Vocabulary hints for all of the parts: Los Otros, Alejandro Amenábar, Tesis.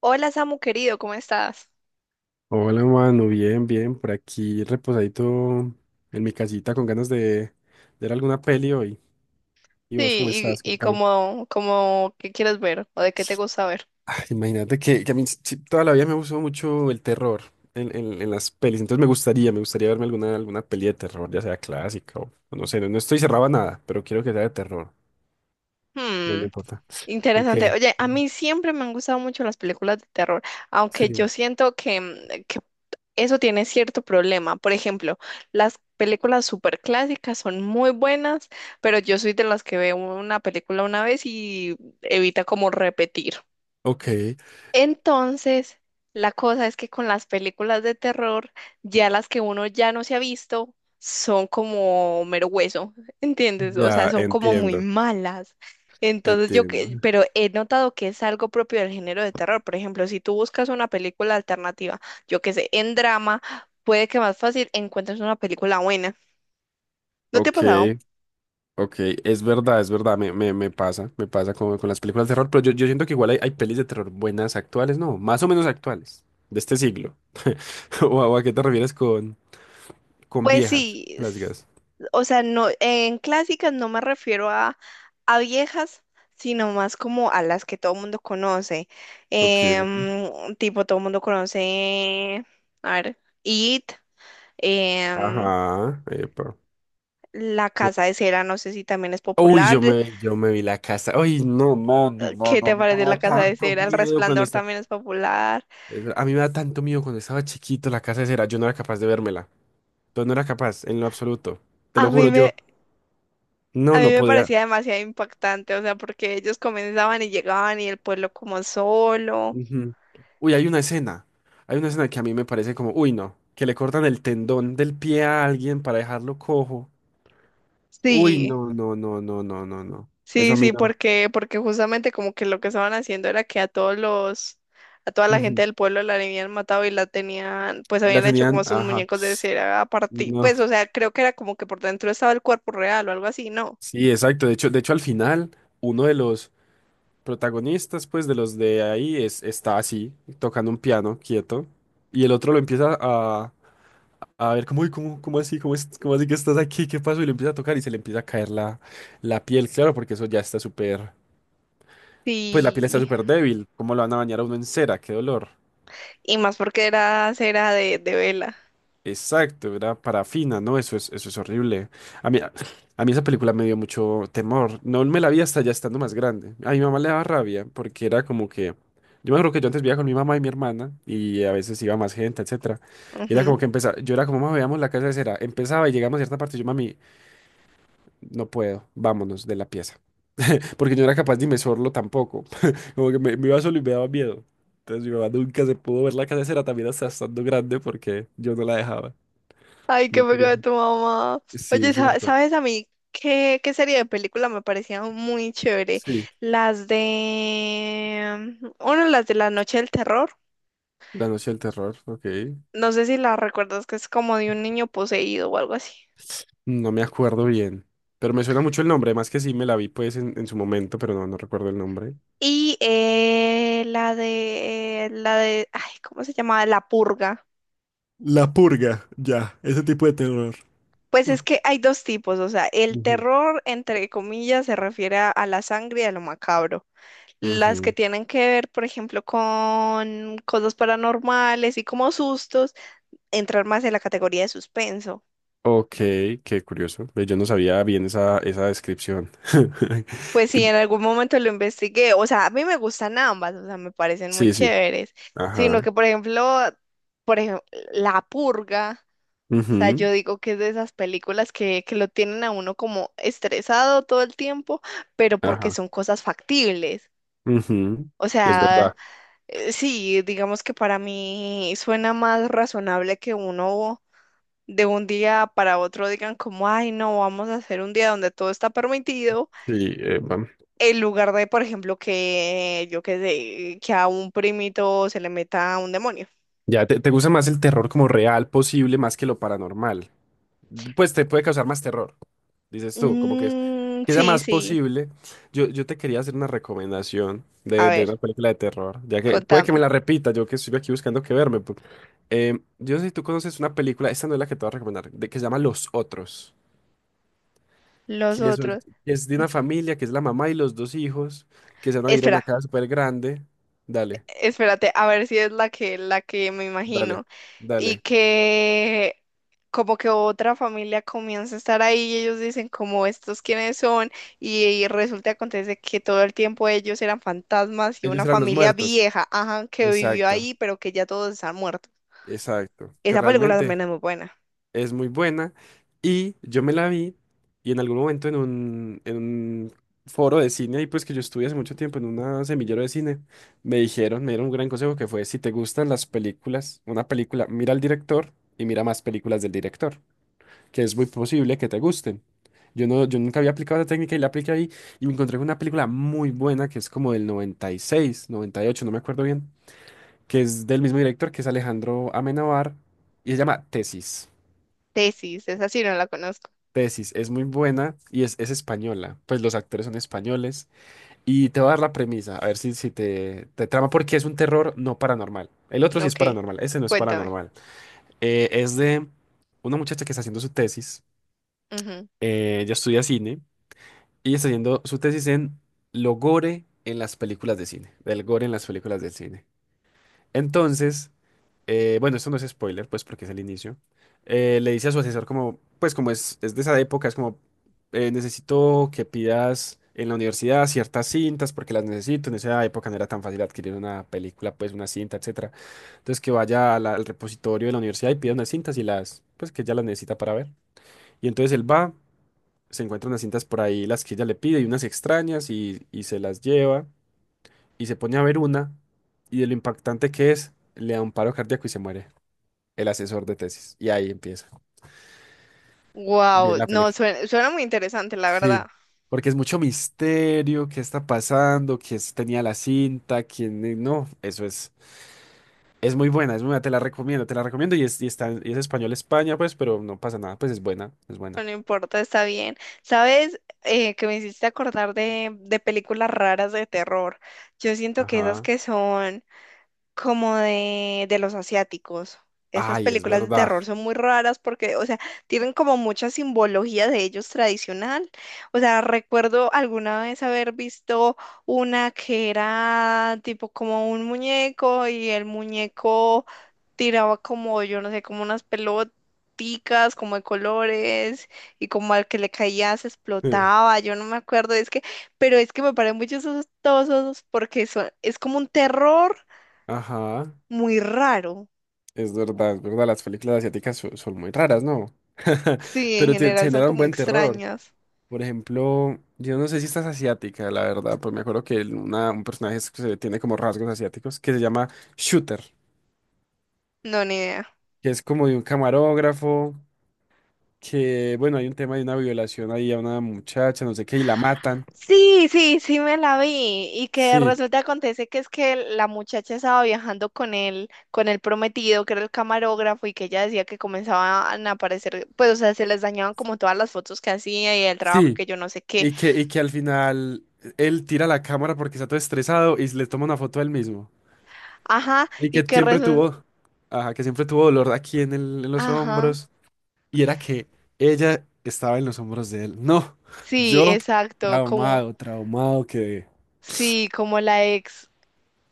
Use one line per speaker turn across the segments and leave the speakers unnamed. Hola Samu querido, ¿cómo estás?
Hola, mano, bien, bien, por aquí reposadito en mi casita con ganas de ver alguna peli hoy. ¿Y vos cómo
Sí,
estás?
y, y
Contame.
como, como, ¿qué quieres ver? ¿O de qué te gusta ver?
Ay, imagínate que a mí sí, toda la vida me gustó mucho el terror en las pelis, entonces me gustaría verme alguna peli de terror, ya sea clásica o no sé, no, no estoy cerrado a nada, pero quiero que sea de terror, no
Hmm,
me importa. ¿Tú
interesante.
qué?
Oye, a mí siempre me han gustado mucho las películas de terror, aunque yo
Sí.
siento que eso tiene cierto problema. Por ejemplo, las películas súper clásicas son muy buenas, pero yo soy de las que veo una película una vez y evita como repetir.
Ok,
Entonces, la cosa es que con las películas de terror, ya las que uno ya no se ha visto, son como mero hueso, ¿entiendes? O sea,
ya
son como muy
entiendo,
malas. Entonces yo,
entiendo.
que- pero he notado que es algo propio del género de terror. Por ejemplo, si tú buscas una película alternativa, yo qué sé, en drama, puede que más fácil encuentres una película buena. ¿No te ha
Ok,
pasado?
Ok, es verdad, me pasa con las películas de terror, pero yo siento que igual hay pelis de terror buenas actuales, no, más o menos actuales, de este siglo. ¿O a qué te refieres con
Pues
viejas,
sí,
las
s-
gas?
o sea, no, en clásicas no me refiero a viejas, sino más como a las que todo el mundo conoce.
Ok,
Tipo, todo el mundo conoce, a ver, It, em,
ajá, epa.
La Casa de Cera, no sé si también es
Uy,
popular.
yo me vi la casa. Uy, no, mano,
¿Qué
mano, a
te
mí me
parece La
da
Casa de
tanto
Cera? El
miedo cuando
Resplandor
está.
también es popular.
A mí me da tanto miedo cuando estaba chiquito la casa de cera. Yo no era capaz de vérmela. Yo no era capaz, en lo absoluto. Te
A
lo
mí
juro,
me,
yo no,
a mí
no
me
podía.
parecía demasiado impactante, o sea, porque ellos comenzaban y llegaban y el pueblo como solo.
Ujú. Uy, hay una escena. Hay una escena que a mí me parece como, uy, no, que le cortan el tendón del pie a alguien para dejarlo cojo. Uy,
Sí.
no, no, no, no, no, no, no. Eso
Sí,
a mí
sí,
no.
porque, porque justamente como que lo que estaban haciendo era que a todos los, a toda la gente
Ujú.
del pueblo la habían matado y la tenían, pues
La
habían hecho como
tenían,
sus
ajá.
muñecos de cera a partir,
No.
pues, o sea, creo que era como que por dentro estaba el cuerpo real o algo así, ¿no?
Sí, exacto. De hecho, al final, uno de los protagonistas, pues, de los de ahí, está así, tocando un piano, quieto. Y el otro lo empieza a ver como, uy, ¿cómo así? ¿Cómo así que estás aquí? ¿Qué pasó? Y le empieza a tocar y se le empieza a caer la piel, claro, porque eso ya está súper. Pues la piel está
Sí,
súper débil. ¿Cómo lo van a bañar a uno en cera? ¡Qué dolor!
y más porque era cera de vela.
Exacto, era parafina, ¿no? Eso es horrible. A mí esa película me dio mucho temor. No me la vi hasta ya estando más grande. A mi mamá le daba rabia porque era como que. Yo me acuerdo que yo antes vivía con mi mamá y mi hermana y a veces iba más gente, etcétera. Y era
Ujú.
como que empezaba, yo era como, mamá, veamos la casa de cera. Empezaba y llegamos a cierta parte y yo, mami, no puedo, vámonos de la pieza. Porque yo no era capaz de inmersorlo tampoco. Como que me iba solo y me daba miedo. Entonces mi mamá nunca se pudo ver la casera también hasta estando grande porque yo no la dejaba.
Ay, qué
Muy
pecado
curioso.
de tu mamá.
Sí,
Oye, sa-
cierto.
¿sabes a mí qué, qué serie de película me parecía muy chévere?
Sí,
Las de La Noche del Terror.
La Noche del Terror, ok.
No sé si la recuerdas, que es como de un niño poseído o algo así.
No me acuerdo bien. Pero me suena mucho el nombre, más que sí me la vi pues en su momento, pero no recuerdo el nombre.
Y la de, ay, ¿cómo se llamaba? La purga.
La purga, ya, ese tipo de terror.
Pues es que hay dos tipos, o sea, el
Ujú.
terror, entre comillas, se refiere a la sangre y a lo macabro. Las que
Ujú.
tienen que ver, por ejemplo, con cosas paranormales y como sustos, entrar más en la categoría de suspenso.
Ok, qué curioso. Ve, yo no sabía bien esa descripción.
Pues sí,
Que-
en algún momento lo investigué. O sea, a mí me gustan ambas, o sea, me parecen muy
Sí, sí.
chéveres.
Ajá.
Sino que, por ejemplo, La Purga, o sea,
Ujú,
yo digo que es de esas películas que lo tienen a uno como estresado todo el tiempo, pero porque
ajá.
son cosas factibles.
Ujú,
O
es
sea,
verdad.
sí, digamos que para mí suena más razonable que uno de un día para otro digan como, ay, no, vamos a hacer un día donde todo está permitido.
Sí. eh, vam-
En lugar de, por ejemplo, que yo que sé, que a un primito se le meta un demonio.
ya te gusta más el terror como real posible más que lo paranormal. Pues te puede causar más terror, dices tú, como que es
Mm,
que sea
sí,
más
sí.
posible. Yo te quería hacer una recomendación
A
de
ver,
una película de terror, ya que puede que me
contame.
la repita, yo que estoy aquí buscando que verme. Yo no sé si tú conoces una película, esta no es la que te voy a recomendar, que se llama Los Otros,
Los
que eso es,
otros.
que es de una familia, que es la mamá y los dos hijos, que se van a ir a una
Espera,
casa súper grande. Dale,
espérate, a ver si es la que me
dale,
imagino. Y
dale.
que como que otra familia comienza a estar ahí y ellos dicen como estos quiénes son y resulta acontece que todo el tiempo ellos eran fantasmas y
Ellos
una
eran los
familia
muertos.
vieja, ajá, que vivió
Exacto,
ahí pero que ya todos están muertos.
exacto. Que
Esa película
realmente.
también es muy buena.
Es muy buena y yo me la vi y en algún momento en un, foro de cine, ahí pues que yo estuve hace mucho tiempo en una semillero de cine, me dijeron, me dieron un gran consejo que fue, si te gustan las películas, una película, mira al director y mira más películas del director, que es muy posible que te gusten. Yo, no, yo nunca había aplicado esa técnica y la apliqué ahí y me encontré con una película muy buena que es como del noventa noventa y seis noventa y ocho no me acuerdo bien, que es del mismo director que es Alejandro Amenábar y se llama Tesis.
Tesis, esa sí no la conozco.
Tesis es muy buena y es española, pues los actores son españoles. Y te voy a dar la premisa, a ver si, te trama, porque es un terror no paranormal. El otro sí es
Ok,
paranormal, ese no es
cuéntame.
paranormal. Es de una muchacha que está haciendo su tesis, ella estudia cine y está haciendo su tesis en lo gore en las películas de cine, del gore en las películas de cine. Entonces, bueno, esto no es spoiler, pues porque es el inicio. Le dice a su asesor como, pues como es de esa época, es como, necesito que pidas en la universidad ciertas cintas porque las necesito. En esa época no era tan fácil adquirir una película, pues una cinta, etcétera. Entonces que vaya a al repositorio de la universidad y pida unas cintas y las, pues que ella las necesita para ver. Y entonces él va, se encuentra unas cintas por ahí, las que ella le pide y unas extrañas y se las lleva y se pone a ver una y de lo impactante que es, le da un paro cardíaco y se muere el asesor de tesis. Y ahí empieza. Bien
Wow,
la
no,
película.
suena, suena muy interesante, la
Sí,
verdad.
porque es mucho misterio, qué está pasando, quién tenía la cinta, quién no, eso es muy buena, es muy buena, te la recomiendo y es español España, pues, pero no pasa nada, pues es buena, es
No
buena.
no importa, está bien. ¿Sabes? Que me hiciste acordar de películas raras de terror. Yo siento que esas
Ajá.
que son como de los asiáticos. Esas
Ay, es
películas de
verdad.
terror son muy raras porque, o sea, tienen como mucha simbología de ellos tradicional. O sea, recuerdo alguna vez haber visto una que era tipo como un muñeco y el muñeco tiraba como, yo no sé, como unas peloticas, como de colores y como al que le caía se explotaba. Yo no me acuerdo, es que, pero es que me parecen muy chistosos porque son, es como un terror
Ajá,
muy raro.
es verdad, las películas asiáticas son, muy raras, ¿no?
Sí, en
Pero te
general son
generan
como
buen terror.
extrañas.
Por ejemplo, yo no sé si estás asiática, la verdad, pues me acuerdo que un personaje que se tiene como rasgos asiáticos que se llama Shooter,
No, ni idea.
que es como de un camarógrafo, que bueno, hay un tema de una violación ahí a una muchacha, no sé qué, y la matan.
Sí, sí, sí me la vi y que
Sí,
resulta acontece que es que la muchacha estaba viajando con él, con el prometido que era el camarógrafo y que ella decía que comenzaban a aparecer, pues o sea, se les dañaban como todas las fotos que hacía y el trabajo
sí,
que yo no sé qué.
y que al final él tira la cámara porque está todo estresado y le toma una foto a él mismo.
Ajá,
Y
y
que
que
siempre
resulta,
tuvo, ajá, que siempre tuvo dolor aquí en los
ajá,
hombros. Y era que ella estaba en los hombros de él. No,
sí,
yo
exacto, como,
traumado, traumado que,
sí, como la ex.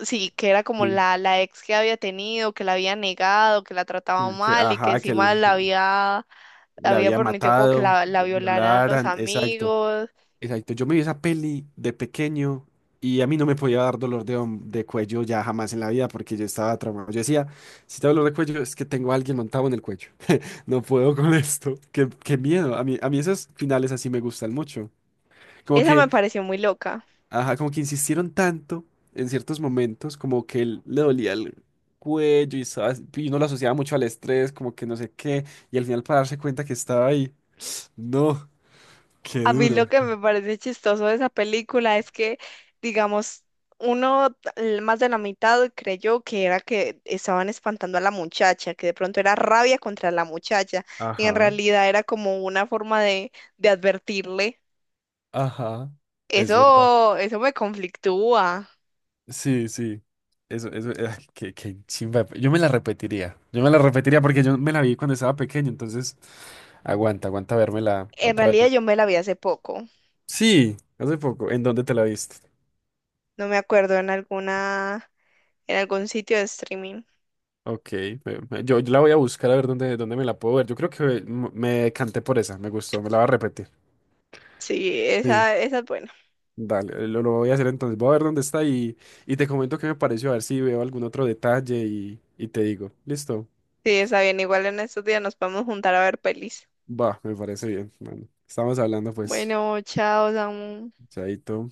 Sí, que era como
sí,
la ex que había tenido, que la había negado, que la trataba
que,
mal y que
ajá, que
encima
él
la
la
había
había
permitido como que
matado,
la
le
violaran los
violaran, exacto,
amigos.
exacto. Yo me vi esa peli de pequeño y a mí no me podía dar dolor de cuello ya jamás en la vida porque yo estaba traumado. Yo decía, si tengo dolor de cuello es que tengo a alguien montado en el cuello. No puedo con esto. Qué miedo. A mí esos finales así me gustan mucho. Como
Esa
que.
me pareció muy loca.
Ajá, como que insistieron tanto en ciertos momentos, como que él le dolía el cuello y uno lo asociaba mucho al estrés, como que no sé qué, y al final para darse cuenta que estaba ahí. No, qué
A mí
duro.
lo que me parece chistoso de esa película es que, digamos, uno l- más de la mitad creyó que era que estaban espantando a la muchacha, que de pronto era rabia contra la muchacha y en
Ajá,
realidad era como una forma de advertirle.
ajá, es verdad.
Eso me conflictúa.
Sí, sí. Eso, qué chimba. Yo me la repetiría. Yo me la repetiría porque yo me la vi cuando estaba pequeño, entonces aguanta, aguanta vérmela
En
otra
realidad
vez.
yo me la vi hace poco.
Sí, hace poco. ¿En dónde te la viste?
No me acuerdo en alguna, en algún sitio de streaming.
Ok, yo la voy a buscar a ver dónde, me la puedo ver. Yo creo que me decanté por esa, me gustó, me la va a repetir.
Sí,
Sí,
esa es buena.
dale, lo voy a hacer entonces. Voy a ver dónde está y te comento qué me pareció, a ver si veo algún otro detalle y te digo. ¿Listo?
Sí, esa bien. Igual en estos días nos podemos juntar a ver pelis.
Va, me parece bien. Bueno, estamos hablando pues,
Bueno, chao, Samu.
chaito.